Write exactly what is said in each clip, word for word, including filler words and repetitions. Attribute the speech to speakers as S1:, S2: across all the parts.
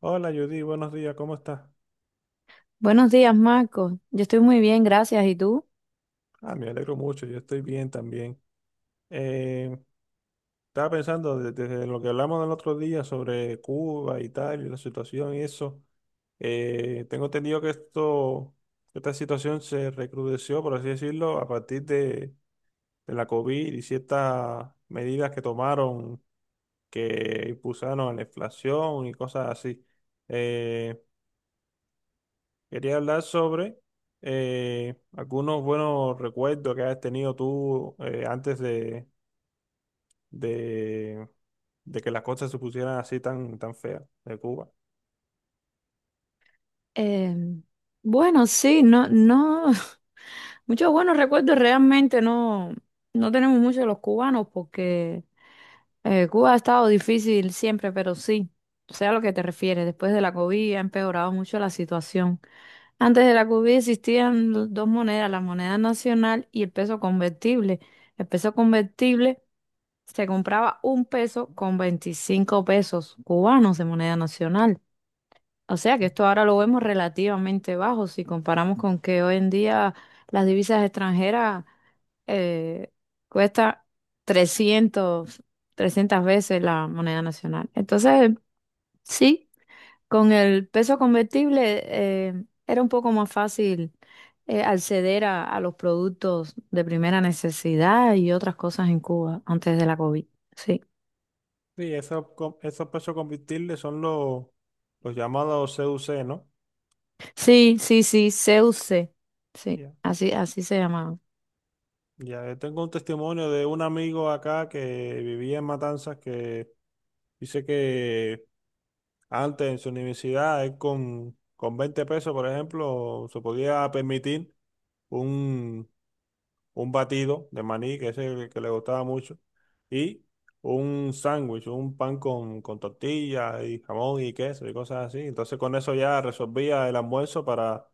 S1: Hola Judy, buenos días, ¿cómo estás?
S2: Buenos días, Marco. Yo estoy muy bien, gracias. ¿Y tú?
S1: Ah, me alegro mucho, yo estoy bien también. Eh, estaba pensando de- desde lo que hablamos el otro día sobre Cuba y tal, y la situación y eso. Eh, tengo entendido que esto, esta situación se recrudeció, por así decirlo, a partir de, de la COVID y ciertas medidas que tomaron que impulsaron a la inflación y cosas así. Eh, Quería hablar sobre eh, algunos buenos recuerdos que has tenido tú, eh, antes de, de, de que las cosas se pusieran así tan, tan feas de Cuba.
S2: Eh, bueno, sí, no, no, muchos buenos recuerdos realmente no, no tenemos muchos de los cubanos porque eh, Cuba ha estado difícil siempre, pero sí, sé a lo que te refieres. Después de la COVID ha empeorado mucho la situación. Antes de la COVID existían do- dos monedas, la moneda nacional y el peso convertible. El peso convertible se compraba un peso con veinticinco pesos cubanos de moneda nacional. O sea que esto ahora lo vemos relativamente bajo si comparamos con que hoy en día las divisas extranjeras eh, cuestan trescientas 300 veces la moneda nacional. Entonces, sí, con el peso convertible eh, era un poco más fácil eh, acceder a, a los productos de primera necesidad y otras cosas en Cuba antes de la COVID. Sí,
S1: Sí, esos, co- esos pesos convertibles son los, los llamados C U C, ¿no?
S2: sí, sí, sí, C U C. Sí,
S1: Ya.
S2: así, así se llamaba.
S1: Ya, yo tengo un testimonio de un amigo acá que vivía en Matanzas que dice que antes en su universidad él con, con veinte pesos, por ejemplo, se podía permitir un, un batido de maní, que es el que le gustaba mucho, y un sándwich, un pan con, con tortilla y jamón y queso y cosas así. Entonces con eso ya resolvía el almuerzo para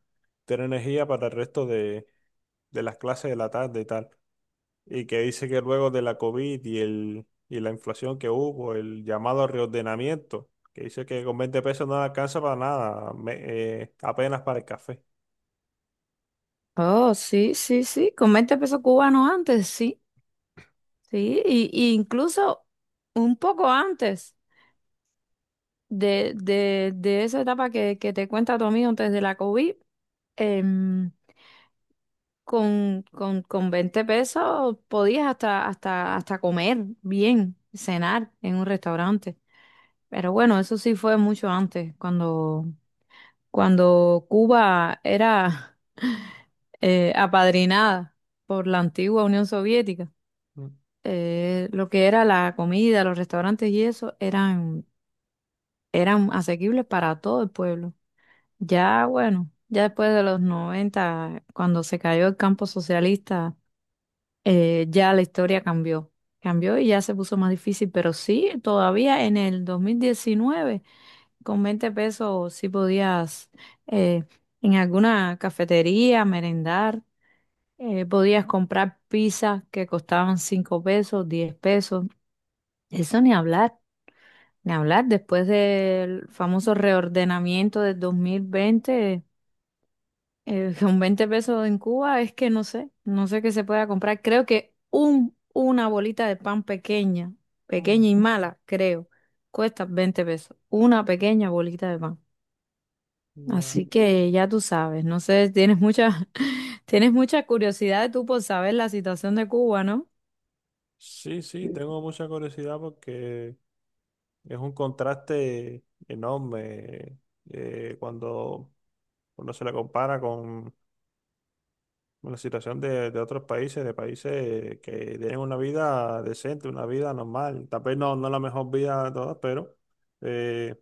S1: tener energía para el resto de, de las clases de la tarde y tal. Y que dice que luego de la COVID y, el, y la inflación que hubo, el llamado reordenamiento, que dice que con veinte pesos no alcanza para nada, me- eh, apenas para el café.
S2: Oh, sí, sí, sí, con veinte pesos cubanos antes, sí, sí, y, y incluso un poco antes de, de, de esa etapa que, que te cuenta tu amigo antes de la COVID, em, con, con, con veinte pesos podías hasta, hasta, hasta comer bien, cenar en un restaurante. Pero bueno, eso sí fue mucho antes, cuando, cuando Cuba era eh, apadrinada por la antigua Unión Soviética.
S1: Mm,
S2: Eh, lo que era la comida, los restaurantes y eso eran, eran asequibles para todo el pueblo. Ya, bueno, ya después de los noventa, cuando se cayó el campo socialista, eh, ya la historia cambió. Cambió y ya se puso más difícil, pero sí, todavía en el dos mil diecinueve con veinte pesos sí podías eh, en alguna cafetería merendar, eh, podías comprar pizzas que costaban cinco pesos, diez pesos, eso ni hablar. Ni hablar, después del famoso reordenamiento del dos mil veinte, eh, con veinte pesos en Cuba es que no sé, no sé qué se pueda comprar. Creo que un, una bolita de pan pequeña,
S1: mm,
S2: pequeña y mala, creo, cuesta veinte pesos. Una pequeña bolita de pan.
S1: ya.
S2: Así que ya tú sabes, no sé, tienes mucha, tienes mucha curiosidad tú por saber la situación de Cuba, ¿no?
S1: Sí, sí, tengo mucha curiosidad porque es un contraste enorme, eh, cuando, cuando se la compara con con la situación de, de otros países, de países que tienen una vida decente, una vida normal. Tal vez no, no la mejor vida de todas, pero eh,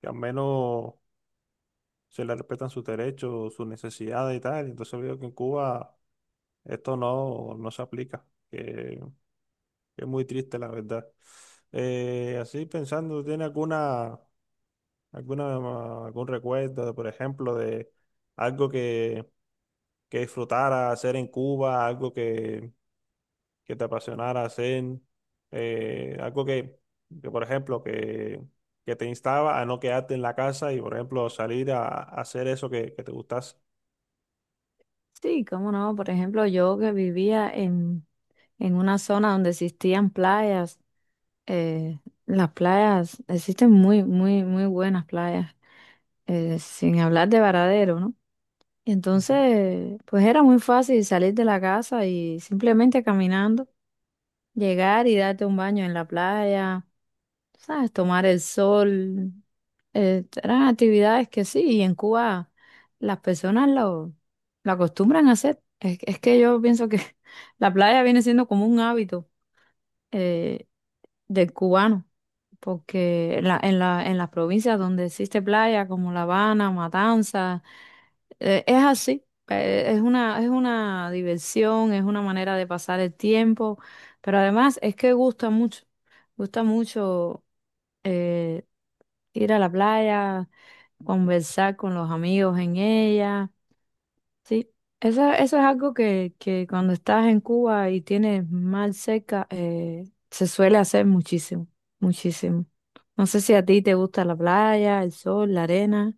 S1: que al menos se le respetan sus derechos, sus necesidades y tal. Entonces veo que en Cuba esto no, no se aplica. Es muy triste, la verdad. Eh, así pensando, ¿tiene alguna, alguna, algún recuerdo, por ejemplo, de algo que, que disfrutara hacer en Cuba, algo que, que te apasionara hacer, eh, algo que, que, por ejemplo, que, que te instaba a no quedarte en la casa y, por ejemplo, salir a, a hacer eso que, que te gustase?
S2: Sí, cómo no. Por ejemplo, yo que vivía en, en una zona donde existían playas. Eh, las playas, existen muy, muy, muy buenas playas, eh, sin hablar de Varadero, ¿no? Y
S1: Ujú.
S2: entonces, pues era muy fácil salir de la casa y simplemente caminando, llegar y darte un baño en la playa, ¿sabes? Tomar el sol. Eh, eran actividades que sí, y en Cuba las personas lo, lo acostumbran a hacer. Es, es que yo pienso que la playa viene siendo como un hábito eh, del cubano, porque en la, en la, en las provincias donde existe playa, como La Habana, Matanzas, eh, es así. eh, Es una, es una diversión, es una manera de pasar el tiempo, pero además es que gusta mucho, gusta mucho eh, ir a la playa, conversar con los amigos en ella. Sí, eso, eso es algo que, que cuando estás en Cuba y tienes mal seca, eh, se suele hacer muchísimo, muchísimo. No sé si a ti te gusta la playa, el sol, la arena.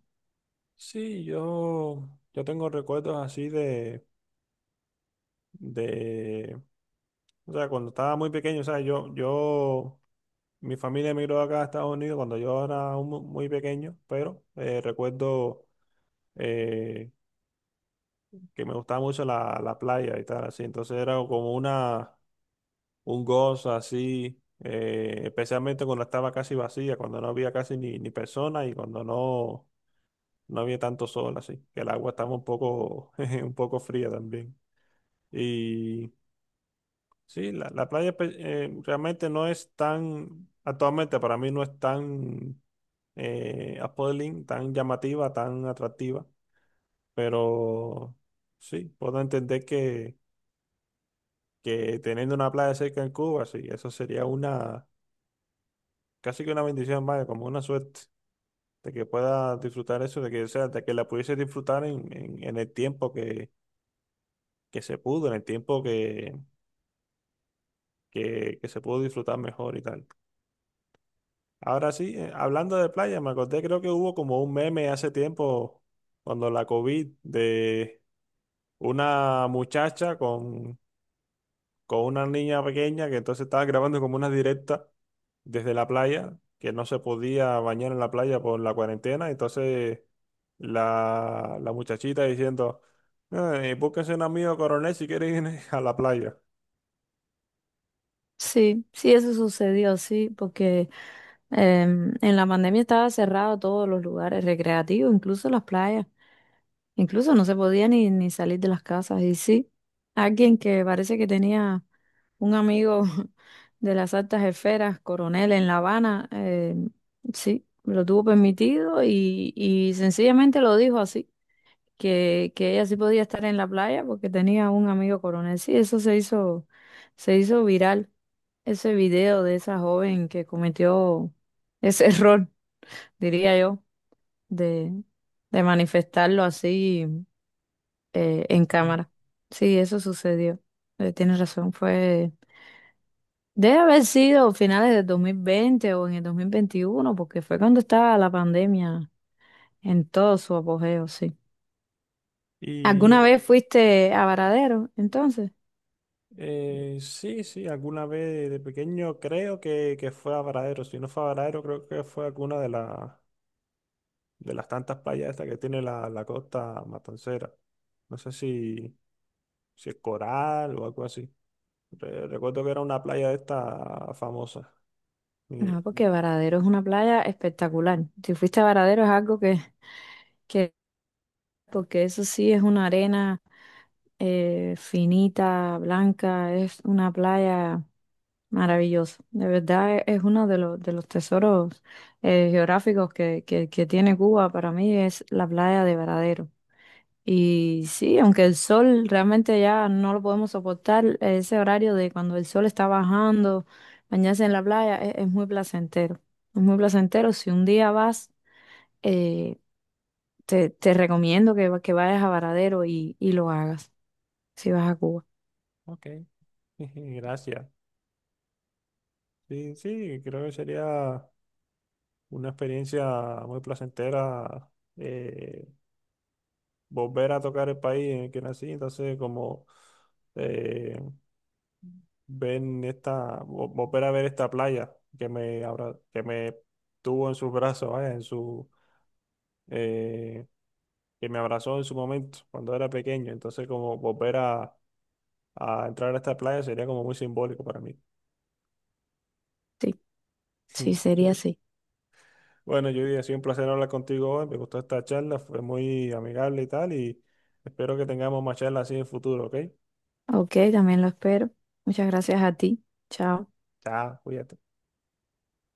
S1: Sí, yo, yo tengo recuerdos así de, de O sea, cuando estaba muy pequeño, o sea, yo, yo, mi familia emigró acá a Estados Unidos cuando yo era un mu- muy pequeño, pero eh, recuerdo eh, que me gustaba mucho la, la playa y tal, así. Entonces era como una, un gozo así, eh, especialmente cuando estaba casi vacía, cuando no había casi ni, ni persona y cuando no, no había tanto sol, así, que el agua estaba un poco, un poco fría también. Sí, la, la playa pues, eh, realmente no es tan, actualmente para mí no es tan eh, appealing, tan llamativa, tan atractiva, pero sí, puedo entender que, que teniendo una playa cerca en Cuba, sí, eso sería una, casi que una bendición, vaya, como una suerte, de que pueda disfrutar eso, de que, o sea, de que la pudiese disfrutar en, en, en el tiempo que, que se pudo, en el tiempo que, que, que se pudo disfrutar mejor y tal. Ahora sí, eh, hablando de playa, me acordé, creo que hubo como un meme hace tiempo, cuando la COVID, de una muchacha con, con una niña pequeña que entonces estaba grabando como una directa desde la playa, que no se podía bañar en la playa por la cuarentena, entonces la, la muchachita diciendo, eh, búsquese un amigo coronel si quiere ir a la playa.
S2: Sí, sí, eso sucedió, sí, porque em, en la pandemia estaba cerrado todos los lugares recreativos, incluso las playas. Incluso no se podía ni, ni salir de las casas. Y sí, alguien que parece que tenía un amigo de las altas esferas, coronel en La Habana, eh, sí, lo tuvo permitido y, y sencillamente lo dijo así, que, que ella sí podía estar en la playa porque tenía un amigo coronel. Sí, eso se hizo, se hizo viral, ese video de esa joven que cometió ese error, diría yo, de, de manifestarlo así eh, en cámara. Sí, eso sucedió. Eh, tienes razón, fue... Debe haber sido finales del dos mil veinte o en el dos mil veintiuno porque fue cuando estaba la pandemia en todo su apogeo, sí. ¿Alguna
S1: Y
S2: vez fuiste a Varadero, entonces?
S1: Eh, sí, sí, alguna vez de pequeño creo que, que fue a Varadero. Si no fue a Varadero, creo que fue alguna de, la- de las tantas playas estas que tiene la, la costa matancera. No sé si, si es Coral o algo así. Re- recuerdo que era una playa de esta famosa. Y,
S2: No, porque Varadero es una playa espectacular. Si fuiste a Varadero es algo que, que porque eso sí es una arena eh, finita, blanca, es una playa maravilloso. De verdad e- es uno de los, de los tesoros eh, geográficos que, que, que tiene Cuba. Para mí es la playa de Varadero. Y sí, aunque el sol realmente ya no lo podemos soportar, ese horario de cuando el sol está bajando, bañarse en la playa es, es muy placentero. Es muy placentero. Si un día vas, eh, te, te recomiendo que, va- que vayas a Varadero y, y lo hagas, si vas a Cuba.
S1: ok, gracias. Sí, sí, creo que sería una experiencia muy placentera, eh, volver a tocar el país en el que nací. Entonces, como... eh, ven esta, vo- volver a ver esta playa que me, abra- que me tuvo en sus brazos, vaya, en su, eh, que me abrazó en su momento cuando era pequeño. Entonces, como volver a, a entrar a esta playa sería como muy simbólico para mí.
S2: Sí, sí, sería así.
S1: Bueno, Judy, ha sido un placer hablar contigo hoy. Me gustó esta charla, fue muy amigable y tal, y espero que tengamos más charlas así en el futuro, ¿ok?
S2: Ok, también lo espero. Muchas gracias a ti. Chao.
S1: Chao, cuídate.